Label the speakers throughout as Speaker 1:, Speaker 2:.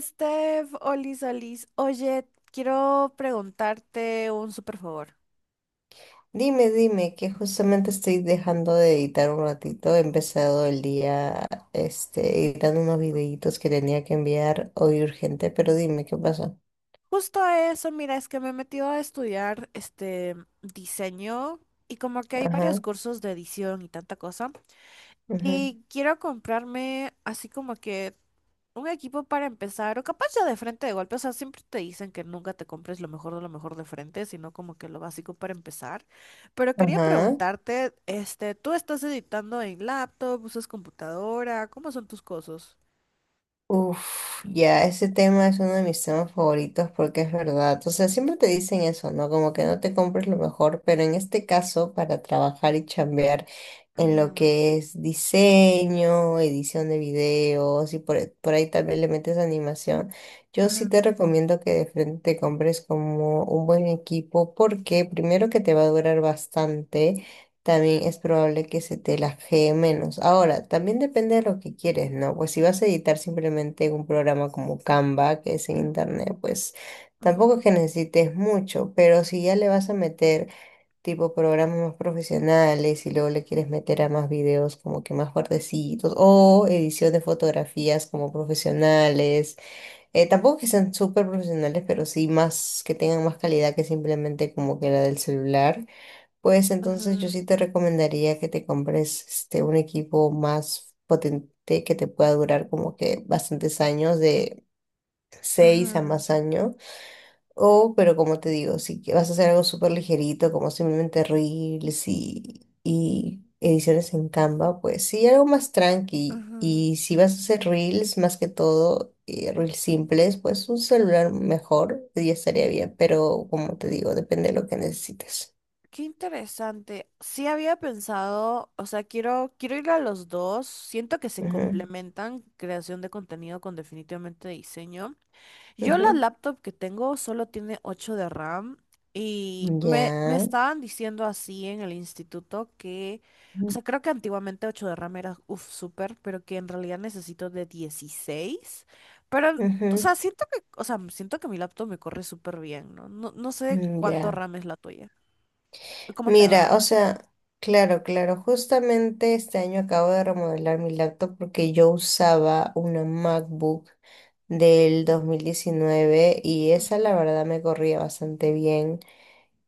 Speaker 1: Steph, Olis, Olis, oye, quiero preguntarte un súper favor.
Speaker 2: Dime, dime, que justamente estoy dejando de editar un ratito. He empezado el día, editando unos videitos que tenía que enviar hoy urgente, pero dime, ¿qué pasó?
Speaker 1: Justo eso, mira, es que me he metido a estudiar diseño y como que hay varios
Speaker 2: Ajá,
Speaker 1: cursos de edición y tanta cosa.
Speaker 2: ajá,
Speaker 1: Y quiero comprarme así como que un equipo para empezar, o capaz ya de frente de golpe, o sea, siempre te dicen que nunca te compres lo mejor de frente, sino como que lo básico para empezar. Pero quería
Speaker 2: ajá.
Speaker 1: preguntarte, ¿tú estás editando en laptop, usas computadora? ¿Cómo son tus cosas?
Speaker 2: Uf, ya, ese tema es uno de mis temas favoritos porque es verdad. O sea, siempre te dicen eso, ¿no? Como que no te compres lo mejor, pero en este caso, para trabajar y chambear en lo
Speaker 1: Ajá,
Speaker 2: que es diseño, edición de videos y por ahí también le metes animación, yo sí
Speaker 1: ajá,
Speaker 2: te recomiendo que de frente te compres como un buen equipo porque primero que te va a durar bastante, también es probable que se te lajee menos. Ahora, también depende de lo que quieres, ¿no? Pues si vas a editar simplemente en un programa como Canva, que es en internet, pues tampoco
Speaker 1: ajá,
Speaker 2: es que necesites mucho, pero si ya le vas a meter tipo programas más profesionales y luego le quieres meter a más videos como que más fuertecitos o edición de fotografías como profesionales, tampoco que sean súper profesionales, pero sí más que tengan más calidad que simplemente como que la del celular. Pues entonces yo
Speaker 1: ajá,
Speaker 2: sí te recomendaría que te compres un equipo más potente que te pueda durar como que bastantes años, de seis a
Speaker 1: ajá,
Speaker 2: más años. O, pero como te digo, si que vas a hacer algo súper ligerito, como simplemente reels y ediciones en Canva, pues sí, algo más tranqui.
Speaker 1: ajá.
Speaker 2: Y si vas a hacer reels, más que todo, reels simples, pues un celular mejor ya estaría bien. Pero como te digo, depende de lo que necesites.
Speaker 1: Qué interesante. Sí había pensado, o sea, quiero ir a los dos. Siento que se
Speaker 2: Ujú,
Speaker 1: complementan creación de contenido con definitivamente diseño. Yo la
Speaker 2: ujú.
Speaker 1: laptop que tengo solo tiene 8 de RAM y me
Speaker 2: Ya.
Speaker 1: estaban diciendo así en el instituto que, o
Speaker 2: Ujú.
Speaker 1: sea, creo que antiguamente 8 de RAM era, uff, súper, pero que en realidad necesito de dieciséis. Pero, o sea, siento que, o sea, siento que mi laptop me corre súper bien, ¿no? No, no sé cuánto
Speaker 2: Ya.
Speaker 1: RAM es la tuya. ¿Cómo te
Speaker 2: Mira,
Speaker 1: va?
Speaker 2: o sea, claro, claro, justamente este año acabo de remodelar mi laptop porque yo usaba una MacBook del 2019 y esa
Speaker 1: Ujú.
Speaker 2: la verdad me corría bastante bien.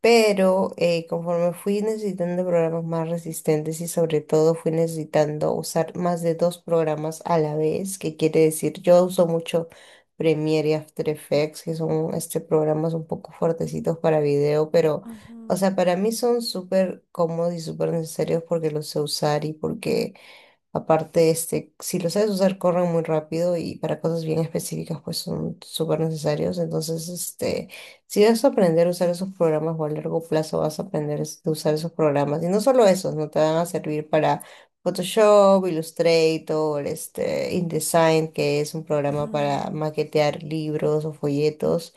Speaker 2: Pero conforme fui necesitando programas más resistentes y sobre todo fui necesitando usar más de dos programas a la vez, que quiere decir, yo uso mucho Premiere y After Effects, que son programas un poco fuertecitos para video, pero, o
Speaker 1: Ujú,
Speaker 2: sea, para mí son súper cómodos y súper necesarios porque los sé usar y porque aparte, si lo sabes usar, corren muy rápido y para cosas bien específicas, pues son súper necesarios. Entonces, si vas a aprender a usar esos programas o a largo plazo vas a aprender a usar esos programas. Y no solo esos, no te van a servir para Photoshop, Illustrator, InDesign, que es un programa para
Speaker 1: ujú,
Speaker 2: maquetear libros o folletos.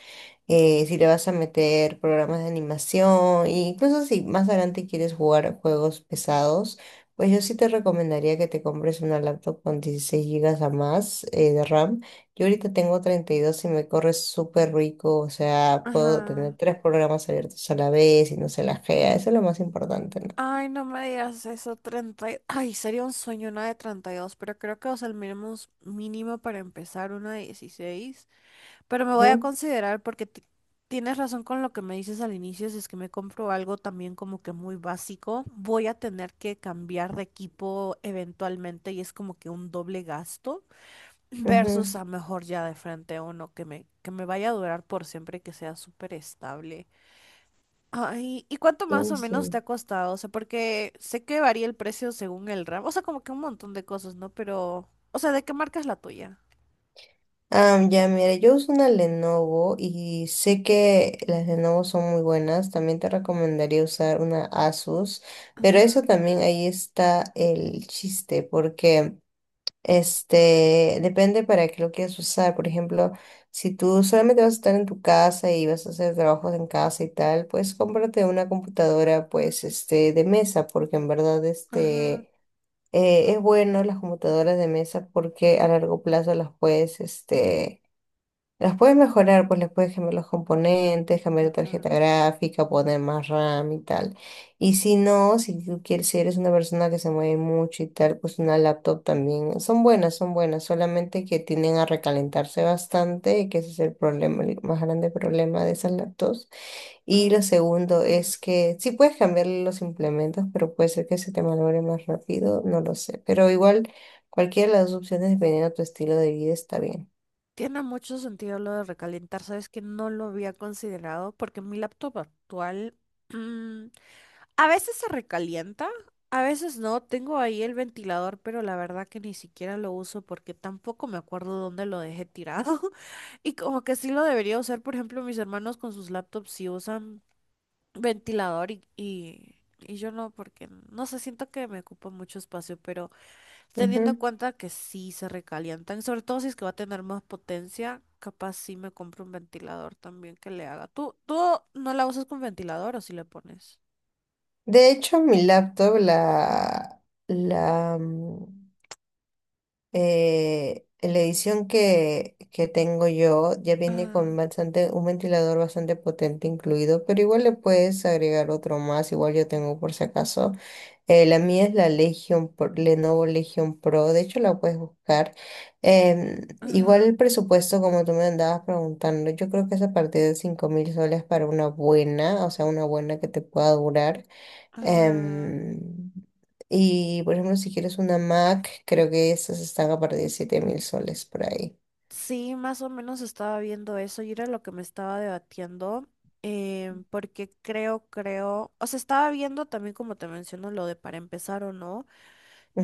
Speaker 2: Si le vas a meter programas de animación, e incluso si más adelante quieres jugar a juegos pesados, pues yo sí te recomendaría que te compres una laptop con 16 gigas a más, de RAM. Yo ahorita tengo 32 y dos y me corre súper rico, o sea, puedo tener
Speaker 1: ajá.
Speaker 2: tres programas abiertos a la vez y no se lajea, eso es lo más importante, ¿no?
Speaker 1: Ay, no me digas eso, 30. Y ay, sería un sueño una de 32, pero creo que, o sea, el mínimo, es- mínimo para empezar una de 16. Pero me voy a
Speaker 2: Ujú,
Speaker 1: considerar porque ti- tienes razón con lo que me dices al inicio, si es que me compro algo también como que muy básico, voy a tener que cambiar de equipo eventualmente y es como que un doble gasto versus
Speaker 2: ujú.
Speaker 1: a mejor ya de frente uno que me vaya a durar por siempre y que sea súper estable. Ay, ¿y cuánto
Speaker 2: Sí,
Speaker 1: más o menos te
Speaker 2: sí.
Speaker 1: ha costado? O sea, porque sé que varía el precio según el ramo. O sea, como que un montón de cosas, ¿no? Pero, o sea, ¿de qué marca es la tuya?
Speaker 2: Ah, ya, mira, yo uso una Lenovo y sé que las Lenovo son muy buenas. También te recomendaría usar una Asus, pero eso
Speaker 1: Ajá,
Speaker 2: también ahí está el chiste, porque depende para qué lo quieras usar. Por ejemplo, si tú solamente vas a estar en tu casa y vas a hacer trabajos en casa y tal, pues cómprate una computadora, pues, de mesa, porque en verdad,
Speaker 1: ajá,
Speaker 2: es bueno las computadoras de mesa porque a largo plazo las puedes, las puedes mejorar, pues les puedes cambiar los componentes, cambiar la
Speaker 1: ajá,
Speaker 2: tarjeta gráfica, poner más RAM y tal. Y si no, si tú quieres, si eres una persona que se mueve mucho y tal, pues una laptop también. Son buenas, solamente que tienden a recalentarse bastante, y que ese es el problema, el más grande problema de esas laptops. Y
Speaker 1: ajá.
Speaker 2: lo segundo es que sí puedes cambiar los implementos, pero puede ser que se te malogre más rápido, no lo sé. Pero igual, cualquiera de las dos opciones, dependiendo de tu estilo de vida, está bien.
Speaker 1: Tiene mucho sentido lo de recalentar, sabes que no lo había considerado porque mi laptop actual a veces se recalienta, a veces no. Tengo ahí el ventilador, pero la verdad que ni siquiera lo uso porque tampoco me acuerdo dónde lo dejé tirado. Y como que sí lo debería usar, por ejemplo, mis hermanos con sus laptops sí usan ventilador y yo no, porque no sé, siento que me ocupa mucho espacio, pero teniendo en
Speaker 2: Ujú.
Speaker 1: cuenta que sí se recalientan, sobre todo si es que va a tener más potencia, capaz sí me compro un ventilador también que le haga. ¿Tú no la usas con ventilador o si le pones?
Speaker 2: De hecho, mi laptop, la edición que tengo yo, ya viene con
Speaker 1: Ajá.
Speaker 2: bastante, un ventilador bastante potente incluido, pero igual le puedes agregar otro más, igual yo tengo por si acaso. La mía es la Lenovo Legion Pro, de hecho la puedes buscar. Igual
Speaker 1: Ajá,
Speaker 2: el presupuesto, como tú me andabas preguntando, yo creo que es a partir de 5000 soles para una buena, o sea, una buena que te pueda durar.
Speaker 1: ajá.
Speaker 2: Em, y por ejemplo, si quieres una Mac, creo que esas están a partir de 7000 soles por ahí.
Speaker 1: Sí, más o menos estaba viendo eso y era lo que me estaba debatiendo, porque creo, o sea, estaba viendo también como te menciono lo de para empezar o no,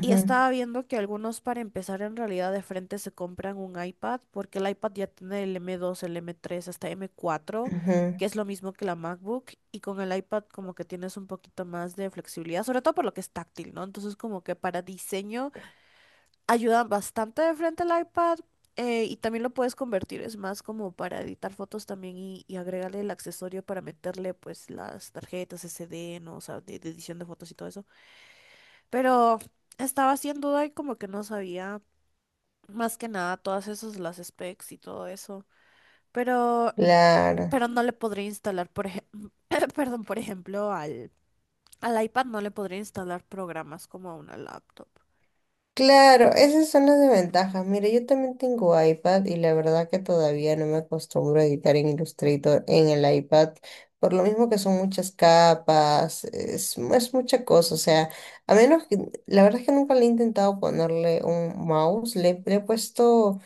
Speaker 1: y estaba viendo que algunos para empezar en realidad de frente se compran un iPad, porque el iPad ya tiene el m dos, el m tres, hasta m cuatro,
Speaker 2: ujú.
Speaker 1: que es lo mismo que la MacBook, y con el iPad como que tienes un poquito más de flexibilidad, sobre todo por lo que es táctil, ¿no? Entonces como que para diseño ayudan bastante de frente al iPad. Y también lo puedes convertir, es más como para editar fotos también y agregarle el accesorio para meterle pues las tarjetas SD, ¿no? O sea, de edición de fotos y todo eso. Pero estaba haciendo duda y como que no sabía más que nada todas esas, las specs y todo eso. Pero,
Speaker 2: Claro,
Speaker 1: pero no le podría instalar, por ejemplo, perdón, por ejemplo, al iPad no le podría instalar programas como a una laptop.
Speaker 2: claro, esas son las desventajas. Mira, yo también tengo iPad y la verdad que todavía no me acostumbro a editar en Illustrator en el iPad, por lo mismo que son muchas capas, es mucha cosa. O sea, a menos que, la verdad es que nunca le he intentado ponerle un mouse, le he puesto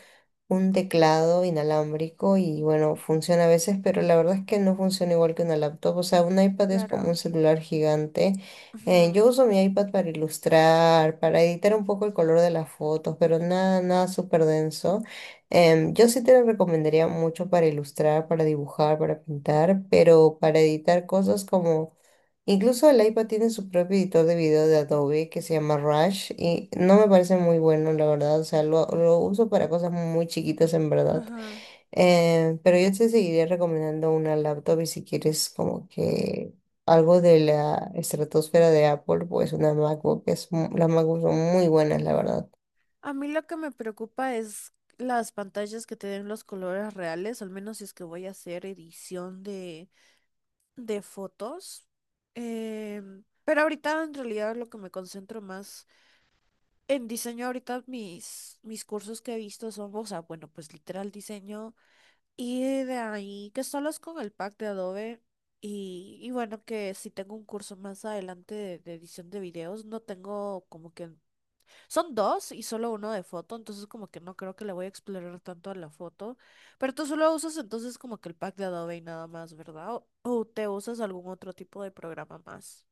Speaker 2: un teclado inalámbrico y bueno, funciona a veces, pero la verdad es que no funciona igual que una laptop. O sea, un iPad es como un
Speaker 1: Claro.
Speaker 2: celular gigante. Yo
Speaker 1: Ujú,
Speaker 2: uso mi iPad para ilustrar, para editar un poco el color de las fotos, pero nada, nada súper denso. Yo sí te lo recomendaría mucho para ilustrar, para dibujar, para pintar, pero para editar cosas como, incluso el iPad tiene su propio editor de video de Adobe que se llama Rush y no me parece muy bueno, la verdad. O sea, lo uso para cosas muy chiquitas en verdad.
Speaker 1: ajá.
Speaker 2: Pero yo te seguiría recomendando una laptop y si quieres como que algo de la estratosfera de Apple, pues una MacBook es, las MacBooks son muy buenas, la verdad.
Speaker 1: A mí lo que me preocupa es las pantallas que te den los colores reales, al menos si es que voy a hacer edición de fotos. Pero ahorita en realidad lo que me concentro más en diseño, ahorita mis cursos que he visto son, o sea, bueno, pues literal diseño y de ahí que solo es con el pack de Adobe. Y bueno, que si tengo un curso más adelante de edición de videos, no tengo como que son dos y solo uno de foto, entonces como que no creo que le voy a explorar tanto a la foto. Pero tú solo usas entonces como que el pack de Adobe y nada más, ¿verdad? ¿O te usas algún otro tipo de programa más?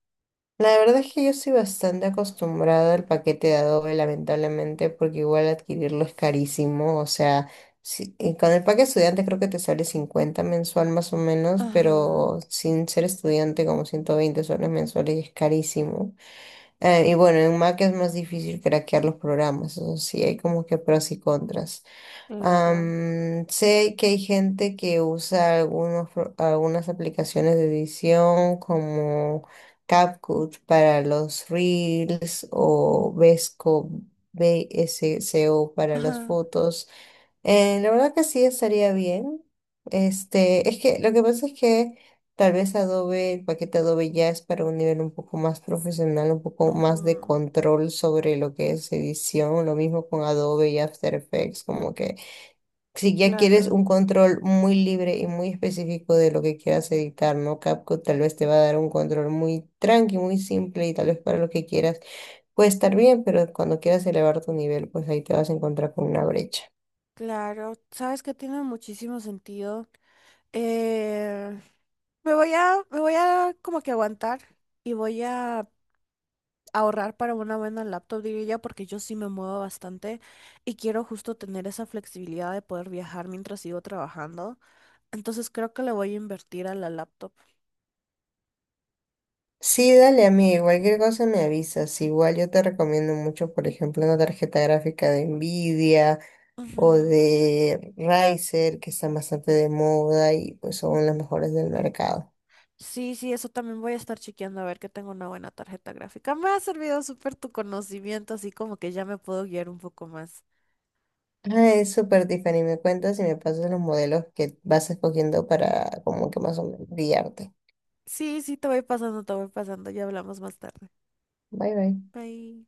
Speaker 2: La verdad es que yo estoy bastante acostumbrada al paquete de Adobe, lamentablemente, porque igual adquirirlo es carísimo. O sea, y con el paquete estudiante creo que te sale 50 mensual más o menos,
Speaker 1: Ajá,
Speaker 2: pero sin ser estudiante como 120 soles mensuales y es carísimo. Y bueno, en Mac es más difícil craquear los programas, eso sí, hay como que pros y contras.
Speaker 1: claro.
Speaker 2: Sé que hay gente que usa algunos, algunas aplicaciones de edición como CapCut para los Reels o Vesco, VSCO para las
Speaker 1: Ajá,
Speaker 2: fotos. La verdad que sí estaría bien. Es que lo que pasa es que tal vez Adobe, el paquete Adobe ya es para un nivel un poco más profesional, un poco más de
Speaker 1: ujú.
Speaker 2: control sobre lo que es edición. Lo mismo con Adobe y After Effects, como que si ya quieres
Speaker 1: Claro,
Speaker 2: un control muy libre y muy específico de lo que quieras editar, ¿no? CapCut tal vez te va a dar un control muy tranqui, muy simple y tal vez para lo que quieras puede estar bien, pero cuando quieras elevar tu nivel, pues ahí te vas a encontrar con una brecha.
Speaker 1: claro. Sabes que tiene muchísimo sentido. Eh, me voy a como que aguantar y voy a ahorrar para una buena laptop, diría yo, porque yo sí me muevo bastante y quiero justo tener esa flexibilidad de poder viajar mientras sigo trabajando. Entonces creo que le voy a invertir a la laptop.
Speaker 2: Sí, dale amigo, cualquier cosa me avisas. Igual yo te recomiendo mucho, por ejemplo, una tarjeta gráfica de Nvidia o
Speaker 1: Ujú.
Speaker 2: de Razer, que están bastante de moda y pues son las mejores del mercado.
Speaker 1: Sí, sí, eso también voy a estar chequeando a ver que tengo una buena tarjeta gráfica. Me ha servido súper tu conocimiento, así como que ya me puedo guiar un poco más.
Speaker 2: Ah, es súper Tiffany, me cuentas y me pasas los modelos que vas escogiendo para como que más o menos guiarte.
Speaker 1: Sí, sí, te voy pasando. Ya hablamos más tarde.
Speaker 2: Bye bye.
Speaker 1: Bye.